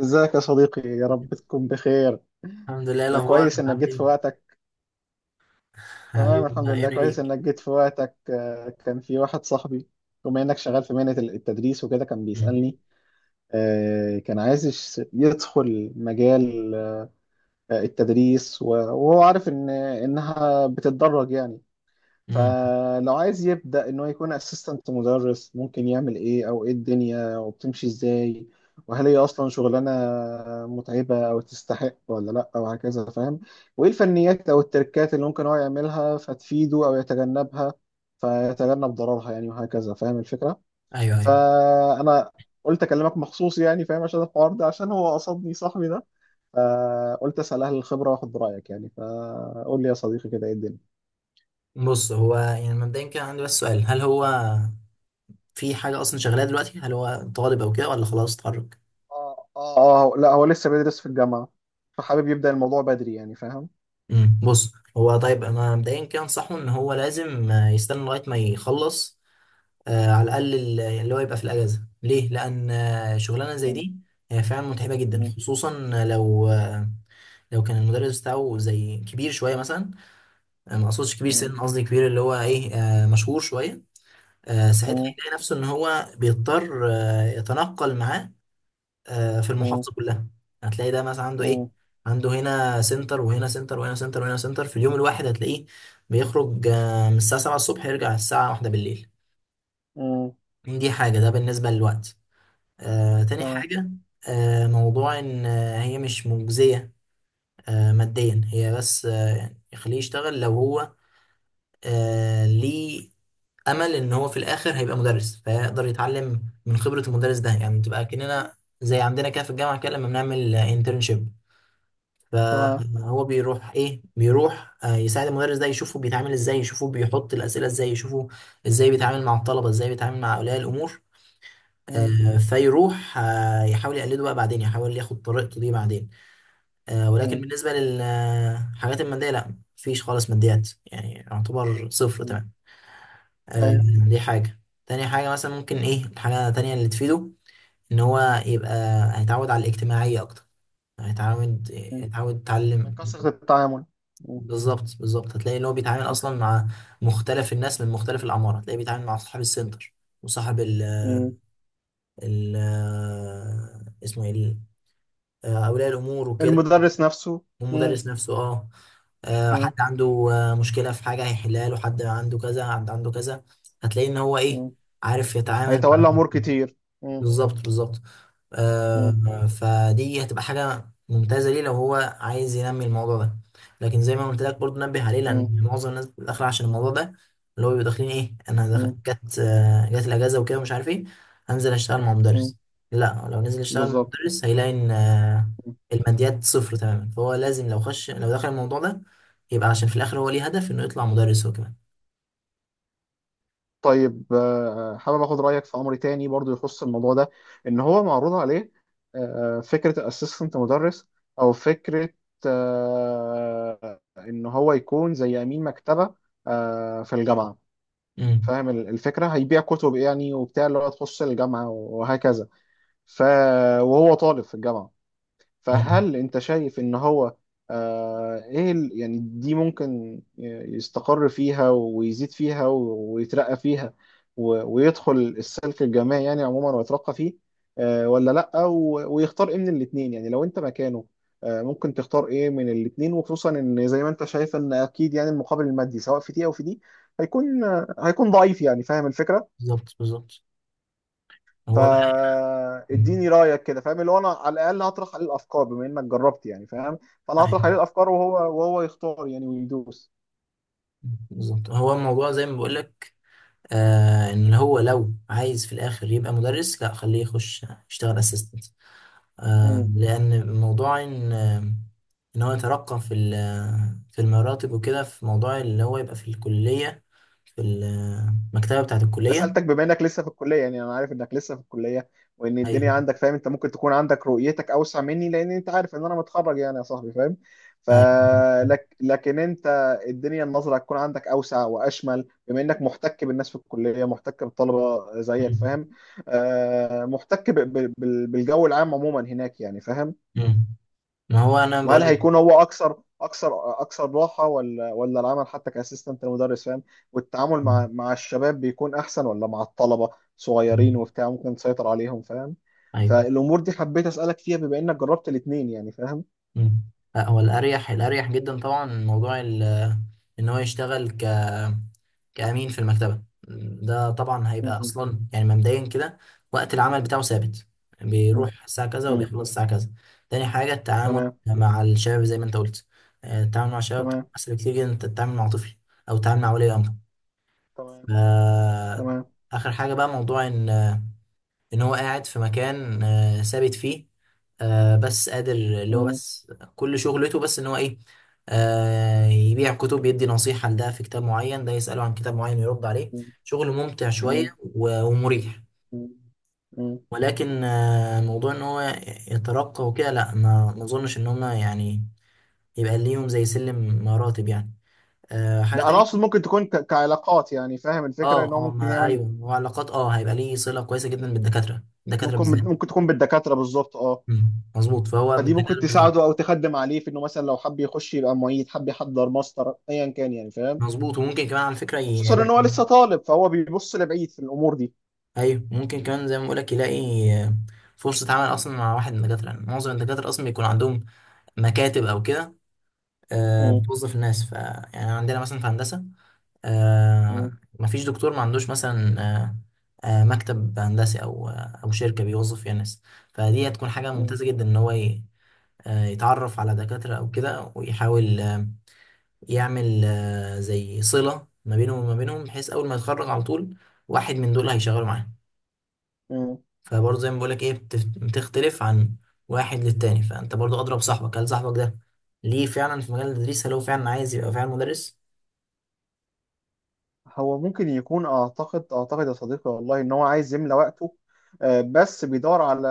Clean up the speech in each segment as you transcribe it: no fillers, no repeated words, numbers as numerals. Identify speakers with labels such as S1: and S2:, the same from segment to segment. S1: ازيك يا صديقي، يا رب تكون بخير.
S2: الحمد لله. إيه الاخبار؟
S1: كويس انك
S2: عامل
S1: جيت
S2: ايه؟
S1: في وقتك. تمام،
S2: عيوني،
S1: الحمد لله،
S2: عيوني
S1: كويس
S2: ليك.
S1: انك جيت في وقتك. كان في واحد صاحبي، بما انك شغال في مهنة التدريس وكده، كان
S2: مم.
S1: بيسألني. كان عايز يدخل مجال التدريس، وهو عارف ان انها بتتدرج يعني.
S2: مم.
S1: فلو عايز يبدأ إن هو يكون أسيستنت مدرس، ممكن يعمل إيه؟ أو إيه الدنيا وبتمشي إزاي؟ وهل هي أصلا شغلانة متعبة أو تستحق ولا لأ؟ وهكذا فاهم. وإيه الفنيات أو التركات اللي ممكن هو يعملها فتفيده أو يتجنبها فيتجنب ضررها يعني، وهكذا فاهم الفكرة.
S2: ايوه، ايوه.
S1: فأنا قلت أكلمك مخصوص يعني، فاهم، عشان الحوار ده، عشان هو قصدني صاحبي ده. فقلت أسأل أهل الخبرة وآخد برأيك يعني. فقول لي يا صديقي كده، إيه الدنيا؟
S2: بص، هو يعني مبدئيا كان عندي بس سؤال، هل هو في حاجه اصلا شغاله دلوقتي؟ هل هو طالب او كده ولا خلاص اتخرج؟
S1: اه اه اه، لا هو لسه بيدرس في الجامعة، فحابب يبدأ الموضوع بدري يعني فاهم.
S2: مم. بص، هو طيب أنا مبدئيا كده انصحه ان هو لازم يستنى لغايه ما يخلص، على الاقل اللي هو يبقى في الاجازه ليه، لان شغلانه زي
S1: مم.
S2: دي هي فعلا متعبه جدا،
S1: مم.
S2: خصوصا لو لو كان المدرس بتاعه زي كبير شويه مثلا. ما اقصدش كبير
S1: مم.
S2: سن، قصدي كبير اللي هو ايه، مشهور شويه. ساعتها
S1: مم.
S2: هيلاقي نفسه ان هو بيضطر يتنقل معاه في
S1: مم.
S2: المحافظه كلها. هتلاقي ده مثلا عنده ايه،
S1: مم.
S2: عنده هنا سنتر وهنا سنتر وهنا سنتر وهنا سنتر، في اليوم الواحد هتلاقيه بيخرج من الساعه 7 الصبح يرجع الساعه 1 بالليل.
S1: مم.
S2: دي حاجه، ده بالنسبه للوقت. تاني
S1: تمام.
S2: حاجه، موضوع ان هي مش مجزيه ماديا. هي بس يعني يخليه يشتغل لو هو ليه امل ان هو في الاخر هيبقى مدرس، فيقدر يتعلم من خبره المدرس ده، يعني تبقى كاننا زي عندنا كده في الجامعه كده لما بنعمل انترنشيب.
S1: تمام.
S2: فهو بيروح ايه، بيروح يساعد المدرس ده، يشوفه بيتعامل ازاي، يشوفه بيحط الاسئله ازاي، يشوفه ازاي بيتعامل مع الطلبه، ازاي بيتعامل مع اولياء الامور.
S1: مم.
S2: فيروح يحاول يقلده بقى، بعدين يحاول ياخد طريقته دي بعدين. ولكن
S1: مم.
S2: بالنسبه للحاجات الماديه لا، مفيش خالص ماديات، يعني يعتبر صفر
S1: مم.
S2: تمام. آه،
S1: ايوه.
S2: دي حاجة. تاني حاجة مثلا ممكن ايه، الحاجة التانية اللي تفيده ان هو يبقى هيتعود على الاجتماعية اكتر، هيتعود
S1: مم.
S2: هيتعود
S1: من
S2: يتعلم.
S1: كثرة التعامل. مم.
S2: بالظبط، بالظبط. هتلاقي ان هو بيتعامل اصلا مع مختلف الناس من مختلف الاعمار، هتلاقيه بيتعامل مع صاحب السنتر، وصاحب ال
S1: مم.
S2: ال اسمه ايه اولياء الامور وكده،
S1: المدرس نفسه. مم.
S2: والمدرس نفسه اه.
S1: مم.
S2: حد عنده مشكلة في حاجة هيحلها له، حد عنده كذا، حد عنده كذا. هتلاقي ان هو ايه،
S1: مم.
S2: عارف يتعامل معاه.
S1: هيتولى أمور كتير. مم.
S2: بالظبط، بالظبط.
S1: مم.
S2: فدي هتبقى حاجة ممتازة ليه لو هو عايز ينمي الموضوع ده. لكن زي ما قلت لك برضه، نبه عليه
S1: مم.
S2: لأن معظم الناس بتبقى داخلة عشان الموضوع ده، اللي هو بيبقوا داخلين إيه، أنا جت الأجازة وكده ومش عارف إيه، هنزل أشتغل مع
S1: مم.
S2: مدرس. لا، لو نزل يشتغل مع
S1: بالظبط.
S2: مدرس هيلاقي إن الماديات صفر تماما. فهو لازم لو خش، لو دخل الموضوع ده، يبقى عشان في الآخر هو ليه هدف إنه يطلع مدرس هو كمان.
S1: طيب حابب اخد رايك في امر تاني برضو يخص الموضوع ده، ان هو معروض عليه فكره الاسيستنت مدرس، او فكره ان هو يكون زي امين مكتبه في الجامعه،
S2: أمم،
S1: فاهم الفكره. هيبيع كتب يعني وبتاع، اللي هو تخص الجامعه وهكذا. ف وهو طالب في الجامعه.
S2: أمم،
S1: فهل انت شايف ان هو آه ايه يعني دي ممكن يستقر فيها ويزيد فيها ويترقى فيها، ويدخل السلك الجامعي يعني عموما ويترقى فيه، آه ولا لأ؟ ويختار ايه من الاتنين يعني لو انت مكانه، آه ممكن تختار ايه من الاتنين؟ وخصوصا ان زي ما انت شايف ان اكيد يعني المقابل المادي سواء في دي او في دي هيكون ضعيف يعني، فاهم الفكرة.
S2: بالظبط، بالظبط. هو بقى هنا. أمم،
S1: فاديني رايك كده، فاهم، اللي هو انا على الاقل هطرح عليه الافكار بما انك جربت يعني، فاهم. فانا هطرح
S2: أيوه.
S1: عليه الافكار، وهو يختار يعني ويدوس.
S2: بالظبط، هو الموضوع زي ما بقول لك ان هو لو عايز في الاخر يبقى مدرس، لا خليه يخش يشتغل اسيستنت. لان موضوع ان ان هو يترقى في في المراتب وكده، في موضوع اللي هو يبقى في الكليه، في المكتبه بتاعه
S1: انا
S2: الكليه.
S1: سالتك بما انك لسه في الكليه يعني، انا عارف انك لسه في الكليه وان الدنيا
S2: ايوه،
S1: عندك، فاهم. انت ممكن تكون عندك رؤيتك اوسع مني، لان انت عارف ان انا متخرج يعني يا صاحبي، فاهم.
S2: ايوه.
S1: فلك لكن انت الدنيا النظره هتكون عندك اوسع واشمل، بما انك محتك بالناس في الكليه، محتك بالطلبه زيك،
S2: مم.
S1: فاهم. محتك بالجو العام عموما هناك يعني، فاهم.
S2: مم. ما هو انا
S1: وهل
S2: بقول لك.
S1: هيكون هو اكثر اكثر اكثر راحه ولا العمل حتى كاسيستنت المدرس، فاهم؟ والتعامل مع الشباب بيكون احسن ولا مع الطلبه صغيرين
S2: مم.
S1: وبتاع ممكن تسيطر عليهم، فاهم؟
S2: ايوه.
S1: فالامور دي حبيت اسالك فيها بما انك جربت الاثنين يعني فاهم.
S2: مم. لا، هو الاريح، الاريح جدا طبعا موضوع ان هو يشتغل كأمين في المكتبة، ده طبعا هيبقى
S1: م-
S2: أصلا يعني مبدئيا كده وقت العمل بتاعه ثابت،
S1: م-
S2: بيروح الساعة كذا
S1: م.
S2: وبيخلص الساعة كذا. تاني حاجة التعامل
S1: تمام.
S2: مع الشباب زي ما أنت قلت، التعامل مع الشباب
S1: تمام.
S2: أسهل كتير جدا. أنت تتعامل مع طفل أو تتعامل مع ولي أمر.
S1: تمام.
S2: آه،
S1: تمام.
S2: آخر حاجة بقى موضوع إن ان هو قاعد في مكان ثابت فيه، بس قادر اللي هو
S1: م-
S2: بس كل شغلته بس ان هو ايه، يبيع كتب، يدي نصيحة لده في كتاب معين، ده يسأله عن كتاب معين يرد عليه.
S1: م-
S2: شغل ممتع
S1: م-
S2: شوية ومريح.
S1: م- م.
S2: ولكن موضوع ان هو يترقى وكده لا، ما اظنش ان هما يعني يبقى ليهم زي سلم مراتب يعني. حاجة
S1: لا انا اقصد
S2: تانية.
S1: ممكن تكون كعلاقات يعني، فاهم الفكره،
S2: اه،
S1: ان هو
S2: اه،
S1: ممكن
S2: ما
S1: يعمل.
S2: ايوه، وعلاقات اه، هيبقى ليه صلة كويسة جدا بالدكاترة، الدكاترة
S1: ممكن
S2: بالذات.
S1: تكون بالدكاتره بالظبط اه.
S2: مم، مظبوط. فهو من
S1: فدي ممكن
S2: الدكاترة بالذات
S1: تساعده او تخدم عليه في انه مثلا لو حب يخش يبقى معيد، حب يحضر ماستر، ايا كان يعني فاهم.
S2: مظبوط، وممكن كمان على فكرة
S1: وخصوصا ان هو
S2: يلاقي.
S1: لسه طالب فهو بيبص لبعيد في الامور دي.
S2: أيوه، ممكن كمان زي ما بقولك يلاقي فرصة عمل أصلا مع واحد من الدكاترة. يعني معظم الدكاترة أصلا بيكون عندهم مكاتب أو كده،
S1: م-
S2: بتوظف الناس. ف يعني عندنا مثلا في هندسة، آه،
S1: م-
S2: مفيش دكتور ما عندوش مثلا مكتب هندسي أو أو شركة بيوظف فيها ناس. فدي هتكون حاجة
S1: م-
S2: ممتازة جدا إن هو يتعرف على دكاترة أو كده، ويحاول يعمل زي صلة ما بينهم وما بينهم، بحيث أول ما يتخرج على طول واحد من دول هيشغله معاه.
S1: م.
S2: فبرضه زي ما بقولك إيه، بتختلف عن واحد للتاني. فأنت برضه أضرب صاحبك، هل صاحبك ده ليه فعلا في مجال التدريس؟ هل هو فعلا عايز يبقى فعلا مدرس؟
S1: هو ممكن يكون اعتقد يا صديقي، والله، ان هو عايز يملى وقته، بس بيدور على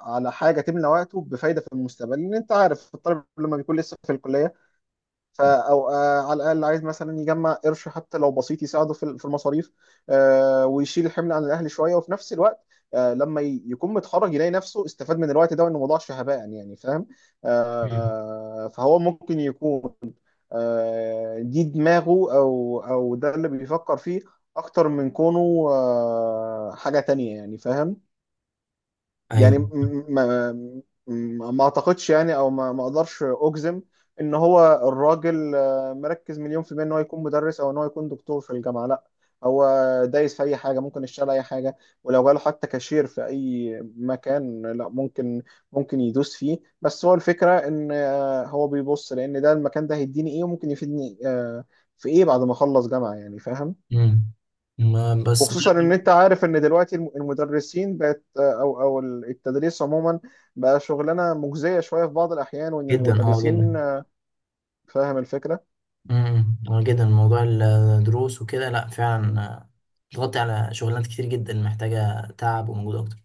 S1: حاجه تملى وقته بفايده في المستقبل، لان انت عارف الطالب لما بيكون لسه في الكليه. فا او آه على الاقل عايز مثلا يجمع قرش، حتى لو بسيط يساعده في المصاريف. آه ويشيل الحمل عن الاهل شويه، وفي نفس الوقت، آه لما يكون متخرج يلاقي نفسه استفاد من الوقت ده، وانه ما ضاعش هباء يعني فاهم.
S2: مم.
S1: آه فهو ممكن يكون آه دي دماغه، او ده اللي بيفكر فيه اكتر من كونه آه حاجه تانية يعني فاهم.
S2: أيوه.
S1: يعني ما اعتقدش يعني، او ما اقدرش اجزم ان هو الراجل مركز 1,000,000% ان هو يكون مدرس، او ان هو يكون دكتور في الجامعة، لا. هو دايس في اي حاجة، ممكن يشتغل اي حاجة، ولو جاله حتى كاشير في اي مكان، لا ممكن يدوس فيه. بس هو الفكرة ان هو بيبص لان ده، المكان ده هيديني ايه وممكن يفيدني في ايه بعد ما اخلص جامعة يعني فاهم.
S2: مم. ما بس
S1: وخصوصا ان
S2: بقولك.
S1: انت عارف ان دلوقتي المدرسين بقت، او التدريس عموما بقى شغلانه مجزيه شويه في بعض الاحيان، وان
S2: جدا، أه جدا.
S1: المدرسين، فاهم الفكره.
S2: امم، اه جدا. موضوع الدروس وكده لأ فعلا بتغطي على شغلانات كتير جدا محتاجة تعب ومجهود أكتر.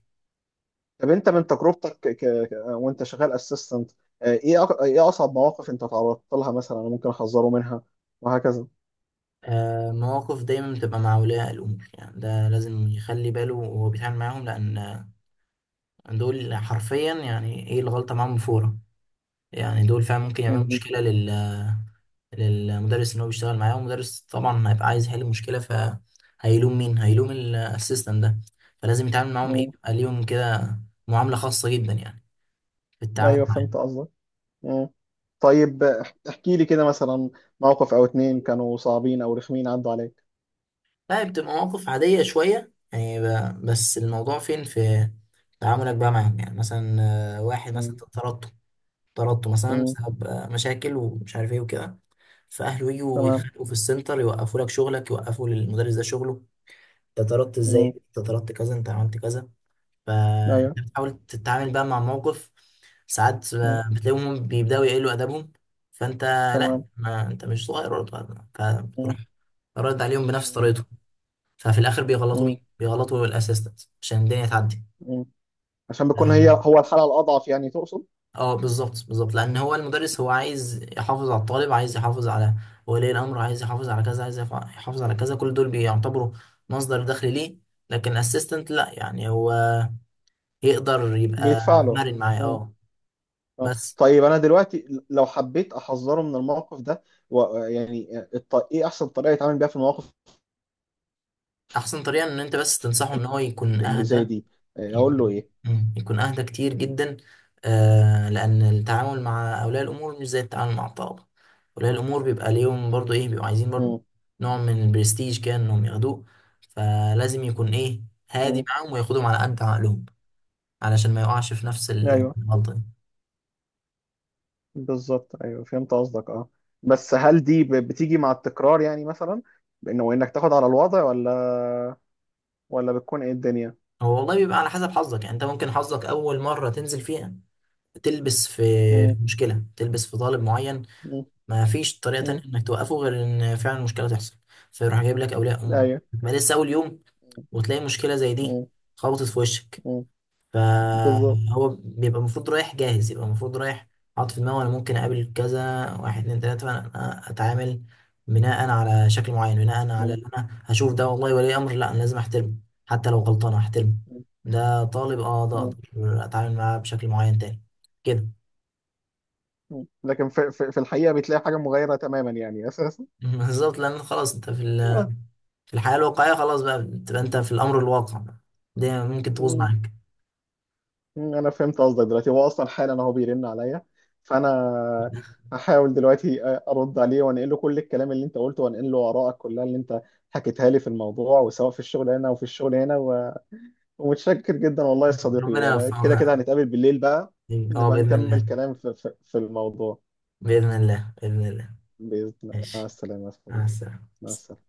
S1: طب انت من تجربتك وانت شغال اسيستنت، ايه ايه اصعب مواقف انت تعرضت لها مثلا، أنا ممكن احذره منها وهكذا.
S2: مواقف دايما بتبقى مع أولياء الأمور، يعني ده لازم يخلي باله وهو بيتعامل معاهم، لأن دول حرفيا يعني إيه، الغلطة معاهم فورة يعني. دول فعلا ممكن يعملوا
S1: م-
S2: مشكلة للمدرس إن هو بيشتغل معاه. والمدرس طبعا هيبقى عايز يحل المشكلة، فهيلوم مين؟ هيلوم الأسيستنت ده. فلازم يتعامل معاهم إيه،
S1: م-
S2: بيبقى ليهم كده معاملة خاصة جدا يعني في
S1: م.
S2: التعامل
S1: ايوه فهمت
S2: معاهم.
S1: قصدك. م. طيب احكي لي كده مثلا موقف او اتنين كانوا صعبين او رخمين عدوا عليك.
S2: لا، بتبقى مواقف عادية شوية يعني بس الموضوع فين في تعاملك بقى معاهم، يعني مثلا واحد مثلا
S1: م.
S2: طردته، طردته مثلا
S1: م.
S2: بسبب مشاكل ومش عارف ايه وكده، فاهله يجوا
S1: تمام.
S2: يتخانقوا في السنتر، يوقفوا لك شغلك، يوقفوا للمدرس ده شغله. انت طردت
S1: م.
S2: ازاي، انت طردت كذا، انت عملت كذا.
S1: ايوه.
S2: فانت بتحاول تتعامل بقى مع موقف. ساعات
S1: م.
S2: بتلاقيهم بيبداوا يقلوا ادبهم. فانت، لا،
S1: تمام.
S2: ما انت مش صغير ولا، فبتروح رد عليهم بنفس
S1: مم.
S2: طريقته. ففي الاخر بيغلطوا
S1: مم.
S2: مين؟ بيغلطوا الاسيستنت عشان الدنيا
S1: مم. عشان بيكون هي
S2: تعدي.
S1: هو الحالة الأضعف يعني، تقصد.
S2: اه، بالظبط، بالظبط. لان هو المدرس هو عايز يحافظ على الطالب، عايز يحافظ على ولي الامر، عايز يحافظ على كذا، عايز يحافظ على كذا. كل دول بيعتبروا مصدر دخل ليه. لكن الاسيستنت لا، يعني هو يقدر يبقى
S1: بيدفع له.
S2: مرن معاه
S1: مم.
S2: اه.
S1: آه.
S2: بس
S1: طيب أنا دلوقتي لو حبيت أحذره من الموقف ده إيه أحسن طريقة يتعامل بيها في المواقف
S2: احسن طريقه ان انت بس تنصحه ان هو يكون
S1: اللي زي
S2: اهدى.
S1: دي، أقول له إيه؟
S2: مم. يكون أهدى كتير جدا، لأن التعامل مع أولياء الأمور مش زي التعامل مع الطلبة. أولياء الأمور بيبقى ليهم برضو إيه، بيبقوا عايزين برضو
S1: مم.
S2: نوع من البرستيج كده إنهم ياخدوه. فلازم يكون إيه، هادي
S1: مم.
S2: معاهم وياخدهم على قد عقلهم، علشان ما يقعش في نفس
S1: أيوه.
S2: الغلطة دي.
S1: بالظبط، أيوه فهمت قصدك أه. بس هل دي بتيجي مع التكرار يعني، مثلا بأنه إنك تاخد على الوضع، ولا بتكون إيه الدنيا؟
S2: هو والله بيبقى على حسب حظك. يعني أنت ممكن حظك أول مرة تنزل فيها تلبس في
S1: مم.
S2: في مشكلة، تلبس في طالب معين
S1: مم.
S2: ما فيش طريقة
S1: مم.
S2: تانية انك توقفه غير ان فعلا مشكلة تحصل، فيروح جايب لك اولياء امور،
S1: أيوه.
S2: ما لسه اول يوم وتلاقي مشكلة زي دي
S1: مم.
S2: خبطت في وشك.
S1: مم. بالظبط.
S2: فهو بيبقى المفروض رايح جاهز، يبقى المفروض رايح حاطط في دماغه انا ممكن اقابل كذا واحد، اتنين، تلاتة، فانا اتعامل بناء على شكل معين، بناء على
S1: مم.
S2: اللي انا هشوف. ده والله ولي امر، لا انا لازم احترمه حتى لو غلطان احترمه. ده طالب اه، ده
S1: مم.
S2: اقدر اتعامل معاه بشكل معين تاني كده.
S1: مم. لكن في الحقيقة بتلاقي حاجة مغايرة تماما يعني أساسا.
S2: بالظبط، لان خلاص انت في
S1: آه.
S2: الحياة الواقعية، خلاص بقى بتبقى انت في الأمر الواقع بقى. دي ممكن تبوظ
S1: مم.
S2: معاك.
S1: مم. أنا فهمت قصدك دلوقتي، هو أصلا حالا أهو بيرن عليا، فأنا هحاول دلوقتي أرد عليه، وأنقل له كل الكلام اللي أنت قلته، وأنقل له آرائك كلها اللي أنت حكيتها لي في الموضوع، وسواء في الشغل هنا وفي الشغل هنا ومتشكر جدا، والله يا صديقي،
S2: ربنا
S1: وأنا كده كده
S2: يوفقها.
S1: هنتقابل بالليل بقى،
S2: اه،
S1: نبقى
S2: بإذن
S1: نكمل
S2: الله،
S1: كلام في الموضوع
S2: بإذن الله، بإذن الله.
S1: بإذن الله. مع
S2: ماشي.
S1: السلامة يا
S2: مع
S1: صديقي.
S2: السلامة.
S1: مع السلامة.